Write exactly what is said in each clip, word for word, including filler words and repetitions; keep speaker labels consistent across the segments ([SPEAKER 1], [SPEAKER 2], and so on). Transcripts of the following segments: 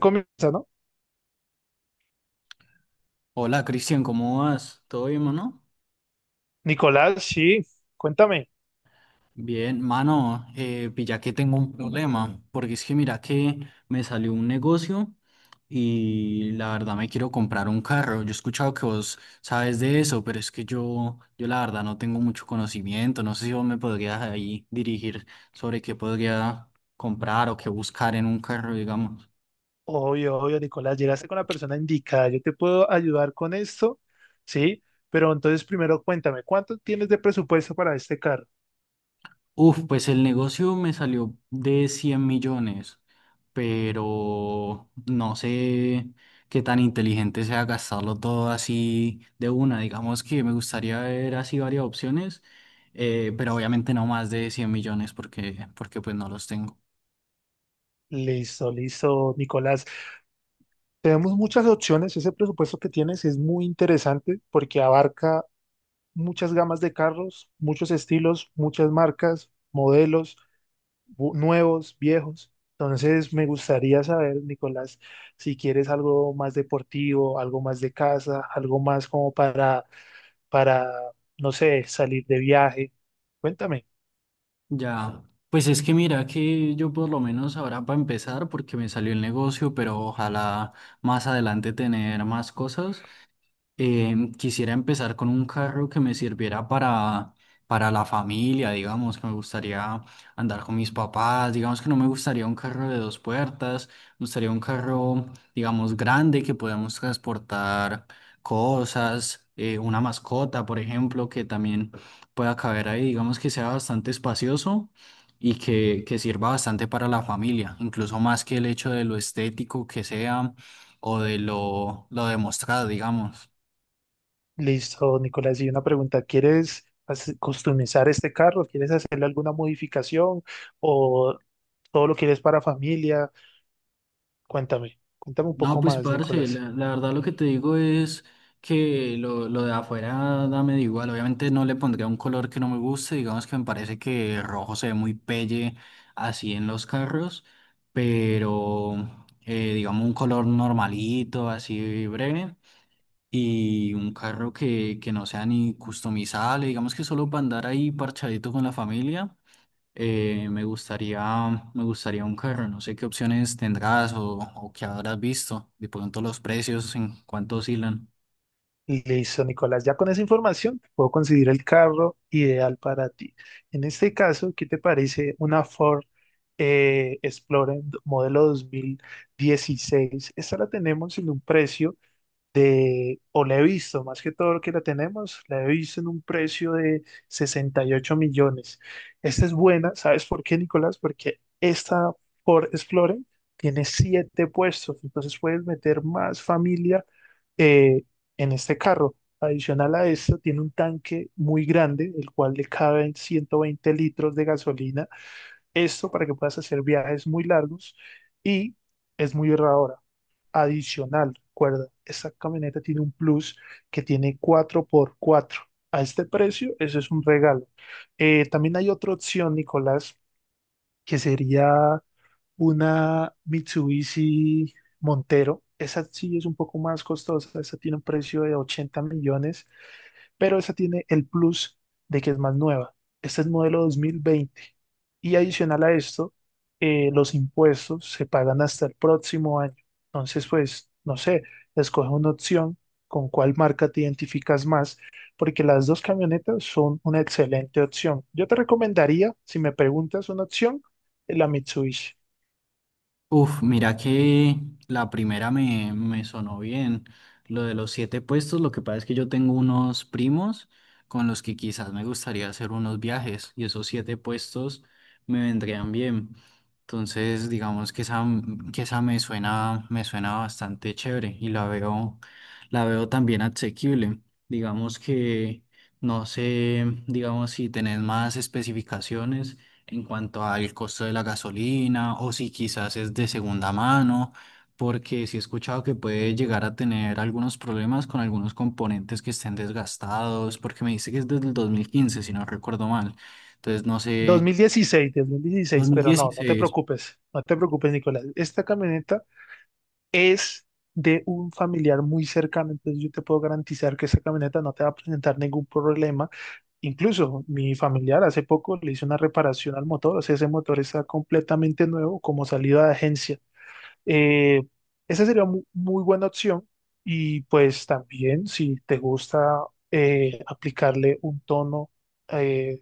[SPEAKER 1] Comienza, ¿no?
[SPEAKER 2] Hola Cristian, ¿cómo vas? ¿Todo bien, mano?
[SPEAKER 1] Nicolás, sí, cuéntame.
[SPEAKER 2] Bien, mano, eh, pilla que tengo un problema, porque es que mira que me salió un negocio y la verdad me quiero comprar un carro. Yo he escuchado que vos sabes de eso, pero es que yo, yo la verdad no tengo mucho conocimiento. No sé si vos me podrías ahí dirigir sobre qué podría comprar o qué buscar en un carro, digamos.
[SPEAKER 1] Obvio, obvio, Nicolás, llegaste con la persona indicada. Yo te puedo ayudar con esto, ¿sí? Pero entonces primero cuéntame, ¿cuánto tienes de presupuesto para este carro?
[SPEAKER 2] Uf, pues el negocio me salió de cien millones, pero no sé qué tan inteligente sea gastarlo todo así de una. Digamos que me gustaría ver así varias opciones, eh, pero obviamente no más de cien millones porque, porque pues no los tengo.
[SPEAKER 1] Listo, listo, Nicolás. Tenemos muchas opciones. Ese presupuesto que tienes es muy interesante porque abarca muchas gamas de carros, muchos estilos, muchas marcas, modelos. Bu- nuevos, viejos. Entonces me gustaría saber, Nicolás, si quieres algo más deportivo, algo más de casa, algo más como para, para, no sé, salir de viaje. Cuéntame.
[SPEAKER 2] Ya, pues es que mira que yo por lo menos ahora para empezar porque me salió el negocio, pero ojalá más adelante tener más cosas. Em, quisiera empezar con un carro que me sirviera para, para la familia, digamos, que me gustaría andar con mis papás, digamos que no me gustaría un carro de dos puertas, me gustaría un carro, digamos, grande que podamos transportar cosas, eh, una mascota, por ejemplo, que también pueda caber ahí, digamos que sea bastante espacioso y que, que sirva bastante para la familia, incluso más que el hecho de lo estético que sea o de lo, lo demostrado, digamos.
[SPEAKER 1] Listo, Nicolás, y una pregunta, ¿quieres hace- customizar este carro? ¿Quieres hacerle alguna modificación o todo lo quieres para familia? Cuéntame, cuéntame un
[SPEAKER 2] No,
[SPEAKER 1] poco
[SPEAKER 2] pues
[SPEAKER 1] más,
[SPEAKER 2] parce,
[SPEAKER 1] Nicolás.
[SPEAKER 2] la, la verdad lo que te digo es que lo, lo de afuera dame igual. Obviamente no le pondría un color que no me guste, digamos que me parece que rojo se ve muy pelle así en los carros, pero eh, digamos un color normalito, así breve, y un carro que, que no sea ni customizable, digamos que solo para andar ahí parchadito con la familia. Eh, me gustaría, me gustaría un carro, no sé qué opciones tendrás o, o qué habrás visto, de pronto los precios, en cuánto oscilan.
[SPEAKER 1] Listo, Nicolás. Ya con esa información puedo conseguir el carro ideal para ti. En este caso, ¿qué te parece una Ford eh, Explorer modelo dos mil dieciséis? Esta la tenemos en un precio de, o la he visto, más que todo lo que la tenemos, la he visto en un precio de sesenta y ocho millones. Esta es buena, ¿sabes por qué, Nicolás? Porque esta por Explorer tiene siete puestos, entonces puedes meter más familia eh, en este carro. Adicional a esto, tiene un tanque muy grande, el cual le caben ciento veinte litros de gasolina. Esto para que puedas hacer viajes muy largos y es muy ahorradora. Adicional, recuerda, esta camioneta tiene un plus que tiene cuatro por cuatro. A este precio, eso es un regalo. Eh, también hay otra opción, Nicolás, que sería una Mitsubishi Montero. Esa sí es un poco más costosa, esa tiene un precio de ochenta millones, pero esa tiene el plus de que es más nueva. Este es modelo dos mil veinte. Y adicional a esto, eh, los impuestos se pagan hasta el próximo año. Entonces, pues, no sé, escoge una opción con cuál marca te identificas más, porque las dos camionetas son una excelente opción. Yo te recomendaría, si me preguntas una opción, la Mitsubishi.
[SPEAKER 2] Uf, mira que la primera me, me sonó bien. Lo de los siete puestos, lo que pasa es que yo tengo unos primos con los que quizás me gustaría hacer unos viajes y esos siete puestos me vendrían bien. Entonces, digamos que esa, que esa me suena, me suena bastante chévere y la veo, la veo también asequible. Digamos que, no sé, digamos si tenés más especificaciones en cuanto al costo de la gasolina o si quizás es de segunda mano, porque sí he escuchado que puede llegar a tener algunos problemas con algunos componentes que estén desgastados, porque me dice que es desde el dos mil quince, si no recuerdo mal. Entonces, no
[SPEAKER 1] Dos dos
[SPEAKER 2] sé,
[SPEAKER 1] mil dieciséis, dos mil dieciséis. Pero no, no te
[SPEAKER 2] dos mil dieciséis.
[SPEAKER 1] preocupes, no te preocupes, Nicolás. Esta camioneta es de un familiar muy cercano, entonces yo te puedo garantizar que esa camioneta no te va a presentar ningún problema. Incluso mi familiar hace poco le hizo una reparación al motor, o sea, ese motor está completamente nuevo como salida de agencia. Eh, Esa sería mu- muy buena opción y pues también si te gusta eh, aplicarle un tono eh,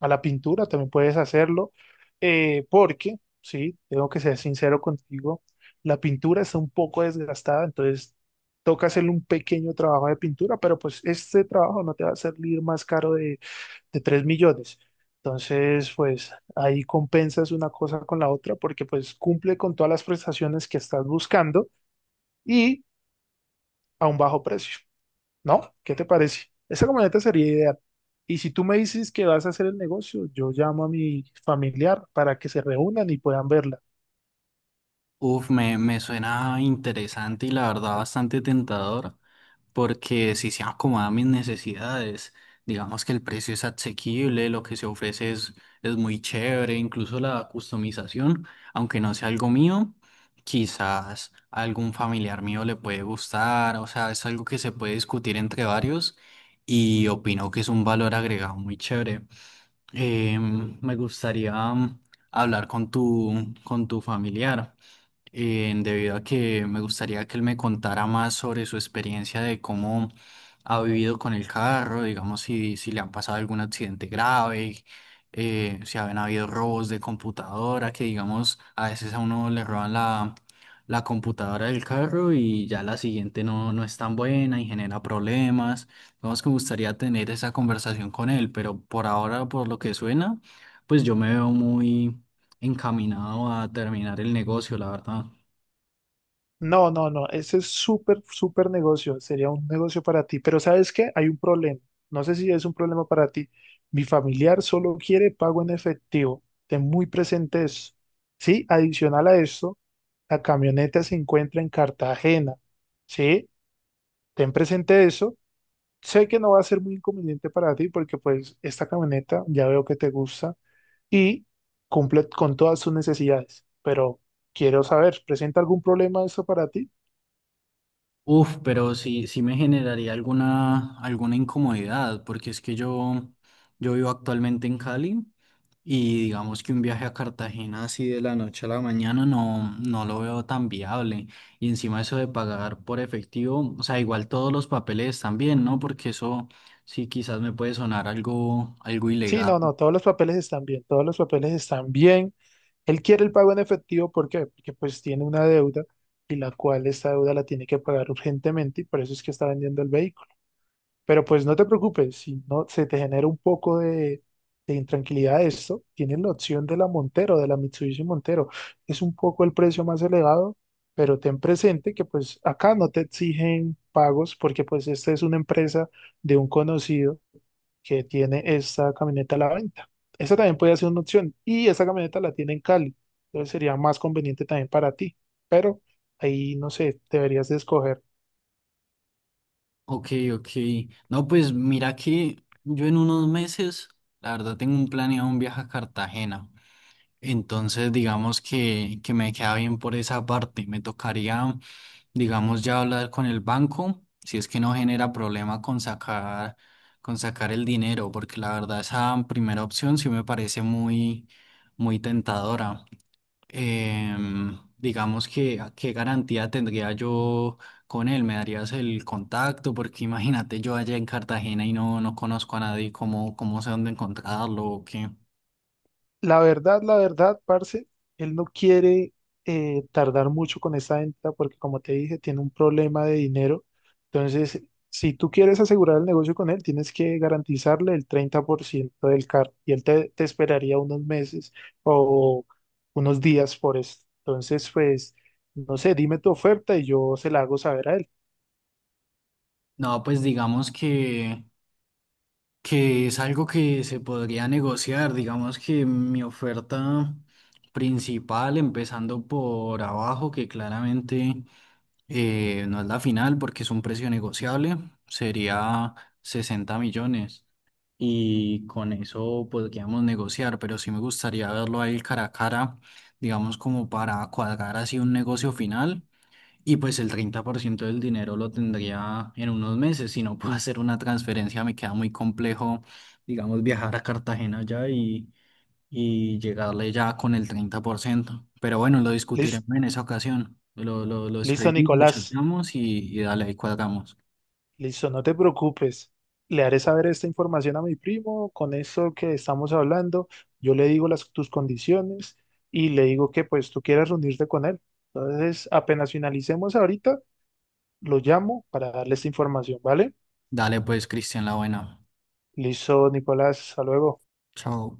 [SPEAKER 1] a la pintura, también puedes hacerlo, eh, porque, sí, tengo que ser sincero contigo, la pintura está un poco desgastada, entonces toca hacerle un pequeño trabajo de pintura, pero pues este trabajo no te va a salir más caro de, de tres millones. Entonces, pues ahí compensas una cosa con la otra porque pues cumple con todas las prestaciones que estás buscando y a un bajo precio. ¿No? ¿Qué te parece? Esa camioneta sería ideal. Y si tú me dices que vas a hacer el negocio, yo llamo a mi familiar para que se reúnan y puedan verla.
[SPEAKER 2] Uf, me, me suena interesante y la verdad bastante tentador. Porque si se acomoda a mis necesidades, digamos que el precio es asequible, lo que se ofrece es, es muy chévere, incluso la customización, aunque no sea algo mío, quizás a algún familiar mío le puede gustar, o sea, es algo que se puede discutir entre varios y opino que es un valor agregado muy chévere. Em, me gustaría mm, hablar con tu, con tu familiar eh, debido a que me gustaría que él me contara más sobre su experiencia de cómo ha vivido con el carro, digamos, si, si le han pasado algún accidente grave, eh, si han habido robos de computadora, que digamos, a veces a uno le roban la, la computadora del carro y ya la siguiente no, no es tan buena y genera problemas. Digamos que me gustaría tener esa conversación con él, pero por ahora, por lo que suena, pues yo me veo muy encaminado a terminar el negocio, la verdad.
[SPEAKER 1] No, no, no, ese es súper, súper negocio, sería un negocio para ti. Pero ¿sabes qué? Hay un problema. No sé si es un problema para ti. Mi familiar solo quiere pago en efectivo. Ten muy presente eso. Sí, adicional a eso, la camioneta se encuentra en Cartagena. Sí, ten presente eso. Sé que no va a ser muy inconveniente para ti porque pues esta camioneta ya veo que te gusta y cumple con todas sus necesidades, pero quiero saber, ¿presenta algún problema eso para ti?
[SPEAKER 2] Uf, pero sí, sí me generaría alguna, alguna incomodidad, porque es que yo, yo vivo actualmente en Cali y digamos que un viaje a Cartagena así de la noche a la mañana no, no lo veo tan viable. Y encima eso de pagar por efectivo, o sea, igual todos los papeles también, ¿no? Porque eso sí quizás me puede sonar algo, algo
[SPEAKER 1] Sí,
[SPEAKER 2] ilegal.
[SPEAKER 1] no, no, todos los papeles están bien, todos los papeles están bien. Él quiere el pago en efectivo, ¿por qué? Porque pues tiene una deuda y la cual esta deuda la tiene que pagar urgentemente y por eso es que está vendiendo el vehículo. Pero pues no te preocupes, si no se te genera un poco de, de intranquilidad esto, tienes la opción de la Montero, de la Mitsubishi Montero. Es un poco el precio más elevado, pero ten presente que pues acá no te exigen pagos porque pues esta es una empresa de un conocido que tiene esta camioneta a la venta. Esa también puede ser una opción y esa camioneta la tiene en Cali, entonces sería más conveniente también para ti, pero ahí no sé, deberías de escoger.
[SPEAKER 2] Ok, ok. No, pues mira que yo en unos meses, la verdad, tengo un planeado un viaje a Cartagena. Entonces, digamos que, que me queda bien por esa parte. Me tocaría, digamos, ya hablar con el banco, si es que no genera problema con sacar, con sacar el dinero, porque la verdad esa primera opción sí me parece muy, muy tentadora. Em, digamos que qué garantía tendría yo con él, me darías el contacto, porque imagínate yo allá en Cartagena y no, no conozco a nadie, ¿cómo, cómo sé dónde encontrarlo o qué?
[SPEAKER 1] La verdad, la verdad, parce, él no quiere eh, tardar mucho con esa venta porque, como te dije, tiene un problema de dinero. Entonces, si tú quieres asegurar el negocio con él, tienes que garantizarle el treinta por ciento del carro y él te, te esperaría unos meses o unos días por esto. Entonces, pues, no sé, dime tu oferta y yo se la hago saber a él.
[SPEAKER 2] No, pues digamos que que es algo que se podría negociar. Digamos que mi oferta principal, empezando por abajo, que claramente eh, no es la final porque es un precio negociable, sería sesenta millones. Y con eso podríamos negociar, pero sí me gustaría verlo ahí cara a cara, digamos como para cuadrar así un negocio final. Y pues el treinta por ciento del dinero lo tendría en unos meses. Si no puedo hacer una transferencia, me queda muy complejo, digamos, viajar a Cartagena ya y, y llegarle ya con el treinta por ciento. Pero bueno, lo
[SPEAKER 1] Lis-
[SPEAKER 2] discutiremos en esa ocasión. Lo, lo, lo
[SPEAKER 1] Listo,
[SPEAKER 2] escribimos, lo
[SPEAKER 1] Nicolás.
[SPEAKER 2] chateamos y, y dale, ahí cuadramos.
[SPEAKER 1] Listo, no te preocupes. Le haré saber esta información a mi primo, con eso que estamos hablando, yo le digo las, tus condiciones y le digo que pues tú quieres reunirte con él. Entonces, apenas finalicemos ahorita, lo llamo para darle esta información, ¿vale?
[SPEAKER 2] Dale pues, Cristian, la buena.
[SPEAKER 1] Listo, Nicolás, hasta luego.
[SPEAKER 2] Chao.